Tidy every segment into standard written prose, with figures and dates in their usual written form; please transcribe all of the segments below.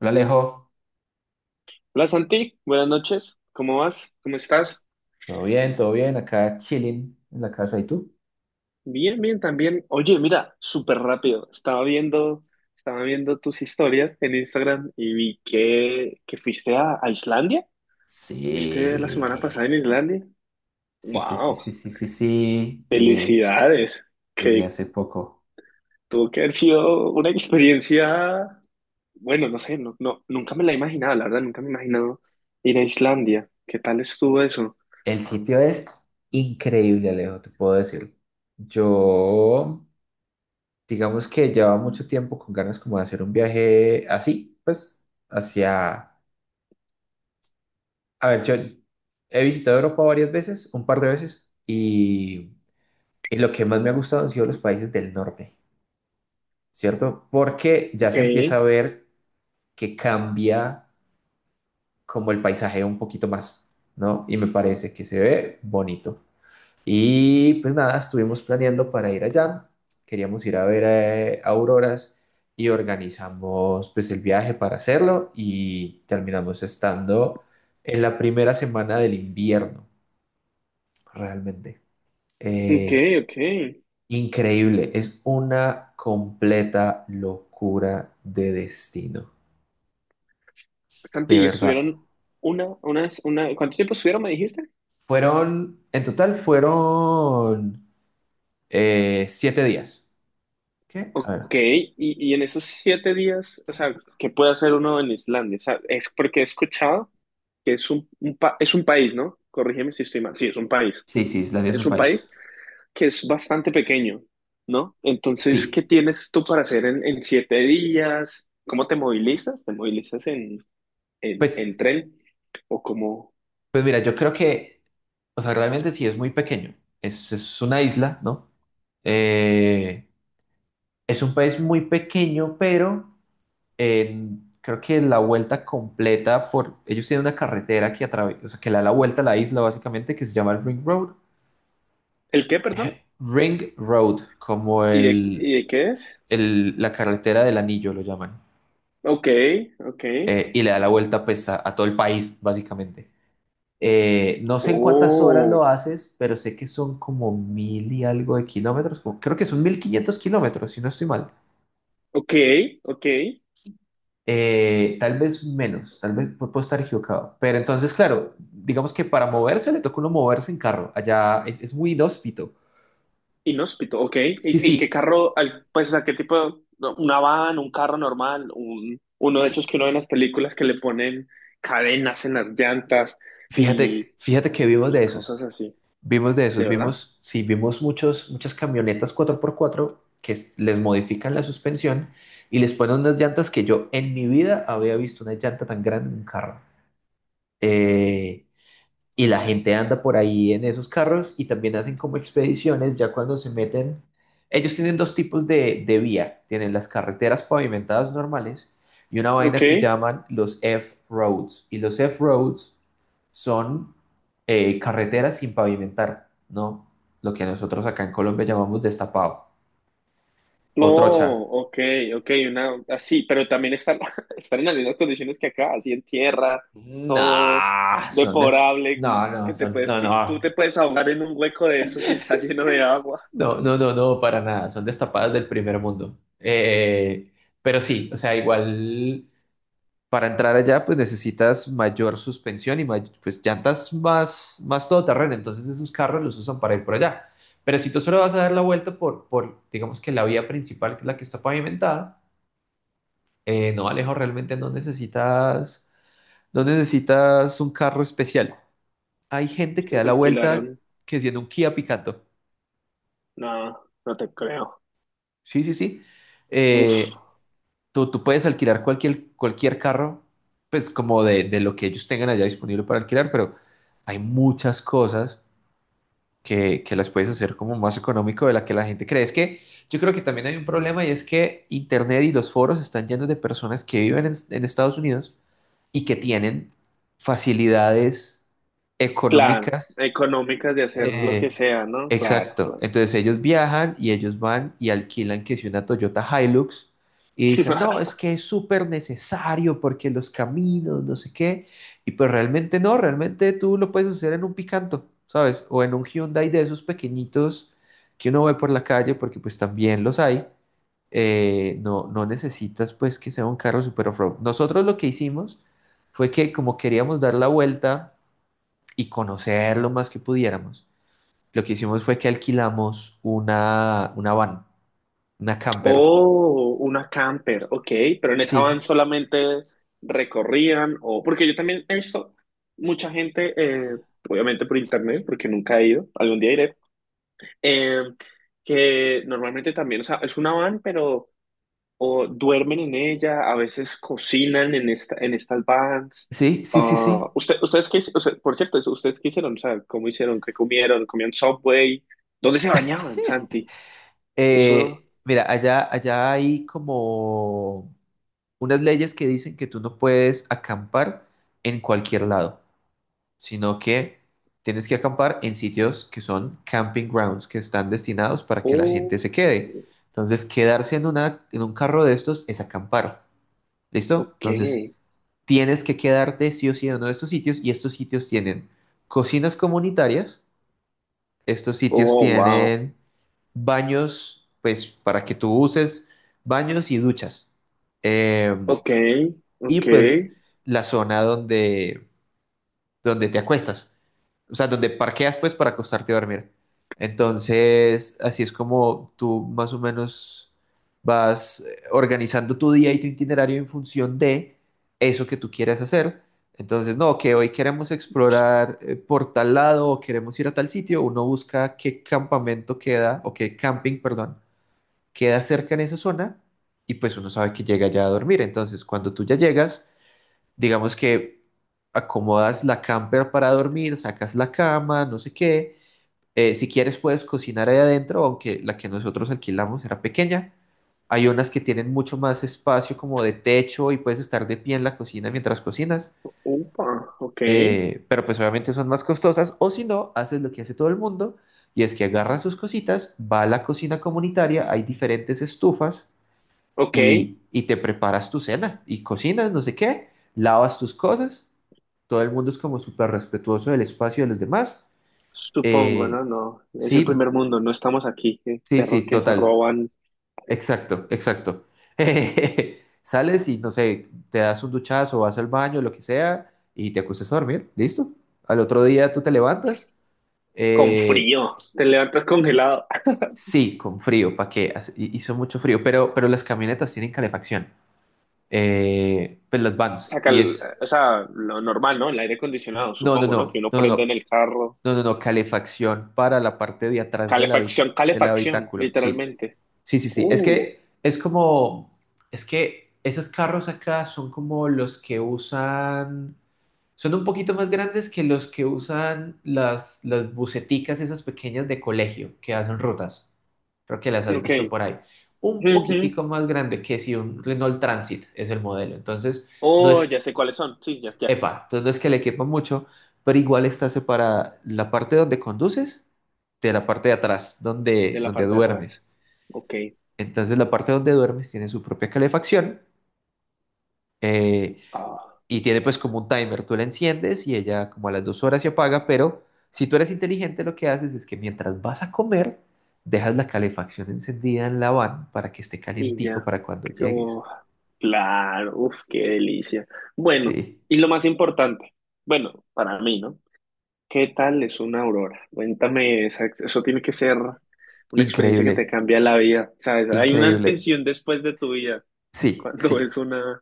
Hola, Alejo. Hola Santi, buenas noches. ¿Cómo vas? ¿Cómo estás? Todo bien, acá chilling en la casa. ¿Y tú? Bien, bien también. Oye, mira, súper rápido. Estaba viendo tus historias en Instagram y vi que fuiste a Islandia. ¿Viste la semana Sí, pasada en Islandia? sí, sí, sí, ¡Wow! sí, sí, sí, sí, ¡Felicidades! llegué Que hace poco. tuvo que haber sido una experiencia, bueno, no sé, nunca me la imaginaba, la verdad, nunca me he imaginado ir a Islandia. ¿Qué tal estuvo eso? El sitio es increíble, Alejo, te puedo decir. Yo, digamos que llevaba mucho tiempo con ganas como de hacer un viaje así, pues, hacia... A ver, yo he visitado Europa varias veces, un par de veces, y lo que más me ha gustado han sido los países del norte, ¿cierto? Porque ya Ok, se empieza a ver que cambia como el paisaje un poquito más, ¿no? Y me parece que se ve bonito. Y pues nada, estuvimos planeando para ir allá, queríamos ir a ver auroras y organizamos pues el viaje para hacerlo y terminamos estando en la primera semana del invierno, realmente. ok, Eh, ok. Increíble, es una completa locura de destino, Santi, de ¿y verdad. ¿estuvieron una, unas, una, ¿cuánto tiempo estuvieron, me dijiste? En total fueron 7 días. ¿Qué? A ver. Ok, y en esos siete días, o sea, ¿qué puede hacer uno en Islandia? O sea, es porque he escuchado que es es un país, ¿no? Corrígeme si estoy mal. Sí, es un país. Sí, sí, Islandia es Es un un país. país que es bastante pequeño, ¿no? Entonces, ¿qué Sí. tienes tú para hacer en siete días? ¿Cómo te movilizas? ¿Te movilizas en, en, Pues, en tren? ¿O cómo? pues mira, yo creo que, o sea, realmente sí es muy pequeño. Es una isla, ¿no? Eh, es un país muy pequeño, pero creo que la vuelta completa por... Ellos tienen una carretera que atraviesa, o sea, que le da la vuelta a la isla básicamente, que se llama el Ring Road. ¿El qué, perdón? Ring Road, como ¿Y de, y de qué es? La carretera del anillo lo llaman. Ok, ok. Y le da la vuelta pues a todo el país, básicamente. No sé en cuántas horas Oh, lo haces, pero sé que son como mil y algo de kilómetros, creo que son 1.500 kilómetros, si no estoy mal. ok, ok. Tal vez menos, tal vez puedo estar equivocado. Pero entonces, claro, digamos que para moverse le toca uno moverse en carro. Allá es muy inhóspito. Inhóspito, ok. Sí, Y qué sí, carro, al- pues, o sea, qué tipo, no, una van, un carro normal, un, uno de esos que uno ve en las películas que le ponen cadenas en las llantas y, fíjate, fíjate que vivimos y de esos. cosas así, Vimos de ¿de esos, verdad? vimos, sí, vimos muchas camionetas 4x4 que les modifican la suspensión y les ponen unas llantas que yo en mi vida había visto una llanta tan grande en un carro. Eh, y la gente anda por ahí en esos carros y también hacen como expediciones ya cuando se meten. Ellos tienen dos tipos de vía. Tienen las carreteras pavimentadas normales y una Ok, vaina que llaman los F-roads. Y los F-roads son carreteras sin pavimentar, ¿no? Lo que nosotros acá en Colombia llamamos destapado no, o trocha. ok, ok, una, así, pero también están, están en las mismas condiciones que acá, así en tierra, No, todo deplorable, No, no, que te puedes, No, que tú no. te puedes ahogar en un hueco de eso si está lleno de agua. No, no, no, no, para nada. Son destapadas del primer mundo. Pero sí, o sea, igual para entrar allá, pues necesitas mayor suspensión y pues llantas más todoterreno. Entonces esos carros los usan para ir por allá. Pero si tú solo vas a dar la vuelta por digamos que la vía principal, que es la que está pavimentada, no, Alejo, realmente no necesitas un carro especial. Hay gente que da ¿Ustedes la vuelta alquilaron? que siendo un Kia Picanto. No, no te creo. Sí, sí, sí. Uf, Eh, tú puedes alquilar cualquier carro, pues como de lo que ellos tengan allá disponible para alquilar, pero hay muchas cosas que las puedes hacer como más económico de la que la gente cree. Es que yo creo que también hay un problema y es que Internet y los foros están llenos de personas que viven en Estados Unidos y que tienen facilidades claro. económicas Económicas de hacer lo que eh, sea, ¿no? Claro, exacto. claro. Entonces ellos viajan y ellos van y alquilan que si una Toyota Hilux y dicen, no, es que es súper necesario porque los caminos, no sé qué. Y pues realmente no, realmente tú lo puedes hacer en un Picanto, ¿sabes? O en un Hyundai de esos pequeñitos que uno ve por la calle porque pues también los hay. No, no necesitas pues que sea un carro super off-road. Nosotros lo que hicimos fue que como queríamos dar la vuelta y conocer lo más que pudiéramos, lo que hicimos fue que alquilamos una van, una camper. Oh, una camper, ok, pero en esa van Sí, solamente recorrían o porque yo también he visto mucha gente, obviamente por internet, porque nunca he ido, algún día iré, eh, que normalmente también, o sea, es una van, pero o duermen en ella, a veces cocinan en esta, en estas vans. sí, sí, sí, Ah, sí. usted, ustedes qué, hic- o sea, por cierto, ustedes qué hicieron, o sea, ¿cómo hicieron? ¿Qué comieron? ¿Comían Subway? ¿Dónde se bañaban, Santi? Eso, Mira, allá hay como unas leyes que dicen que tú no puedes acampar en cualquier lado, sino que tienes que acampar en sitios que son camping grounds, que están destinados para que la gente oh, se quede. Entonces, quedarse en un carro de estos es acampar. ¿Listo? ok, Entonces, tienes que quedarte sí o sí en uno de estos sitios y estos sitios tienen cocinas comunitarias, estos sitios oh, wow, tienen baños, pues para que tú uses baños y duchas. Eh, ok, y ok, pues la zona donde te acuestas, o sea, donde parqueas pues para acostarte a dormir. Entonces, así es como tú más o menos vas organizando tu día y tu itinerario en función de eso que tú quieras hacer. Entonces, no, que hoy queremos explorar por tal lado o queremos ir a tal sitio, uno busca qué campamento queda o qué camping, perdón, queda cerca en esa zona y pues uno sabe que llega ya a dormir. Entonces, cuando tú ya llegas digamos que acomodas la camper para dormir, sacas la cama, no sé qué. Si quieres puedes cocinar ahí adentro, aunque la que nosotros alquilamos era pequeña. Hay unas que tienen mucho más espacio como de techo y puedes estar de pie en la cocina mientras cocinas. upa, ok, Pero pues obviamente son más costosas. O si no, haces lo que hace todo el mundo y es que agarra sus cositas, va a la cocina comunitaria, hay diferentes estufas ok, y te preparas tu cena y cocinas, no sé qué, lavas tus cosas. Todo el mundo es como súper respetuoso del espacio de los demás. supongo, Eh, no, no, es el sí, primer mundo, no estamos aquí, sí, perro sí, que se total. roban Exacto, exacto. Sales y no sé, te das un duchazo, vas al baño, lo que sea, y te acuestas a dormir, listo. Al otro día tú te levantas, con eh, frío, te levantas congelado. sí, con frío, ¿para qué? Hizo mucho frío, pero las camionetas tienen calefacción, pues las O vans, sea, y cal- es, o sea, lo normal, ¿no? El aire acondicionado, no, no, supongo, ¿no? Que no, uno no, no, prende en no. el carro. No, no, no, calefacción para la parte de atrás Calefacción, del calefacción, habitáculo. Sí, literalmente. sí, sí, sí. Uh, Es que esos carros acá son como los que usan, son un poquito más grandes que los que usan las buseticas esas pequeñas de colegio que hacen rutas. Creo que las has ok. visto por ahí. Un Ujú. poquitico más grande que si un Renault Transit es el modelo. Entonces, no Oh, ya es sé cuáles son. Sí, ya, ya. Epa, entonces no es que le quepa mucho, pero igual está separada la parte donde conduces de la parte de atrás, donde, De la donde parte de duermes. atrás. Ok. Entonces la parte donde duermes tiene su propia calefacción, eh, Ah, y tiene pues como un timer. Tú la enciendes y ella como a las 2 horas se apaga, pero si tú eres inteligente lo que haces es que mientras vas a comer, dejas la calefacción encendida en la van para que esté y calientico ya. para cuando llegues. Oh, claro, uf, qué delicia. Bueno, Sí, y lo más importante, bueno, para mí, ¿no? ¿Qué tal es una aurora? Cuéntame, esa- eso tiene que ser una experiencia que increíble, te cambia la vida, ¿sabes? Hay una increíble. antes y un después de tu vida Sí, cuando sí, es una...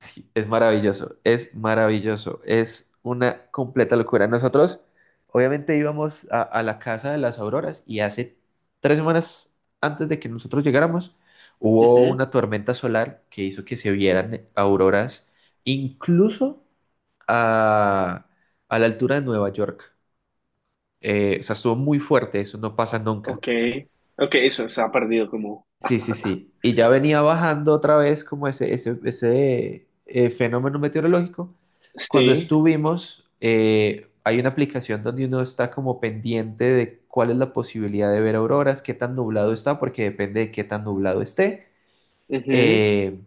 sí, es maravilloso, es maravilloso, es una completa locura. Nosotros, obviamente, íbamos a la casa de las Auroras y hace 3 semanas antes de que nosotros llegáramos, hubo Ujú, una tormenta solar que hizo que se vieran auroras incluso a, a la altura de Nueva York. O sea, estuvo muy fuerte, eso no pasa nunca. ok, ok, eso se ha perdido como... Sí, sí, sí. Y ya venía bajando otra vez como ese fenómeno meteorológico. Cuando Sí, estuvimos, hay una aplicación donde uno está como pendiente de cuál es la posibilidad de ver auroras, qué tan nublado está, porque depende de qué tan nublado esté. ujú. Eh,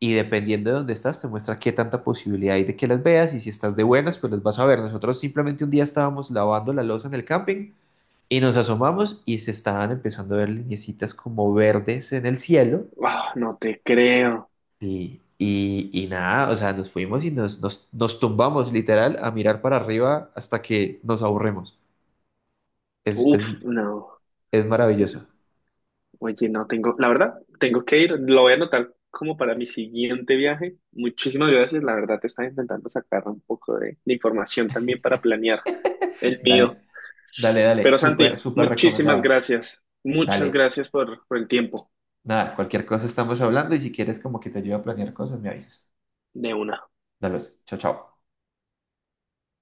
y dependiendo de dónde estás, te muestra qué tanta posibilidad hay de que las veas. Y si estás de buenas, pues las vas a ver. Nosotros simplemente un día estábamos lavando la loza en el camping y nos asomamos y se estaban empezando a ver lineecitas como verdes en el cielo. Ah, no te creo. Sí, y nada, o sea, nos fuimos y nos tumbamos literal a mirar para arriba hasta que nos aburremos. Es, Uf, es, no. es Es- maravilloso. Oye, no tengo, la verdad, tengo que ir, lo voy a anotar como para mi siguiente viaje. Muchísimas gracias, la verdad te estaba intentando sacar un poco de información también para planear el mío. Dale, dale, dale, Pero súper, Santi, súper muchísimas recomendado. gracias. Muchas Dale, gracias por el tiempo nada, cualquier cosa estamos hablando y si quieres como que te ayude a planear cosas, me avisas. de una. Dale, pues, chao, chao.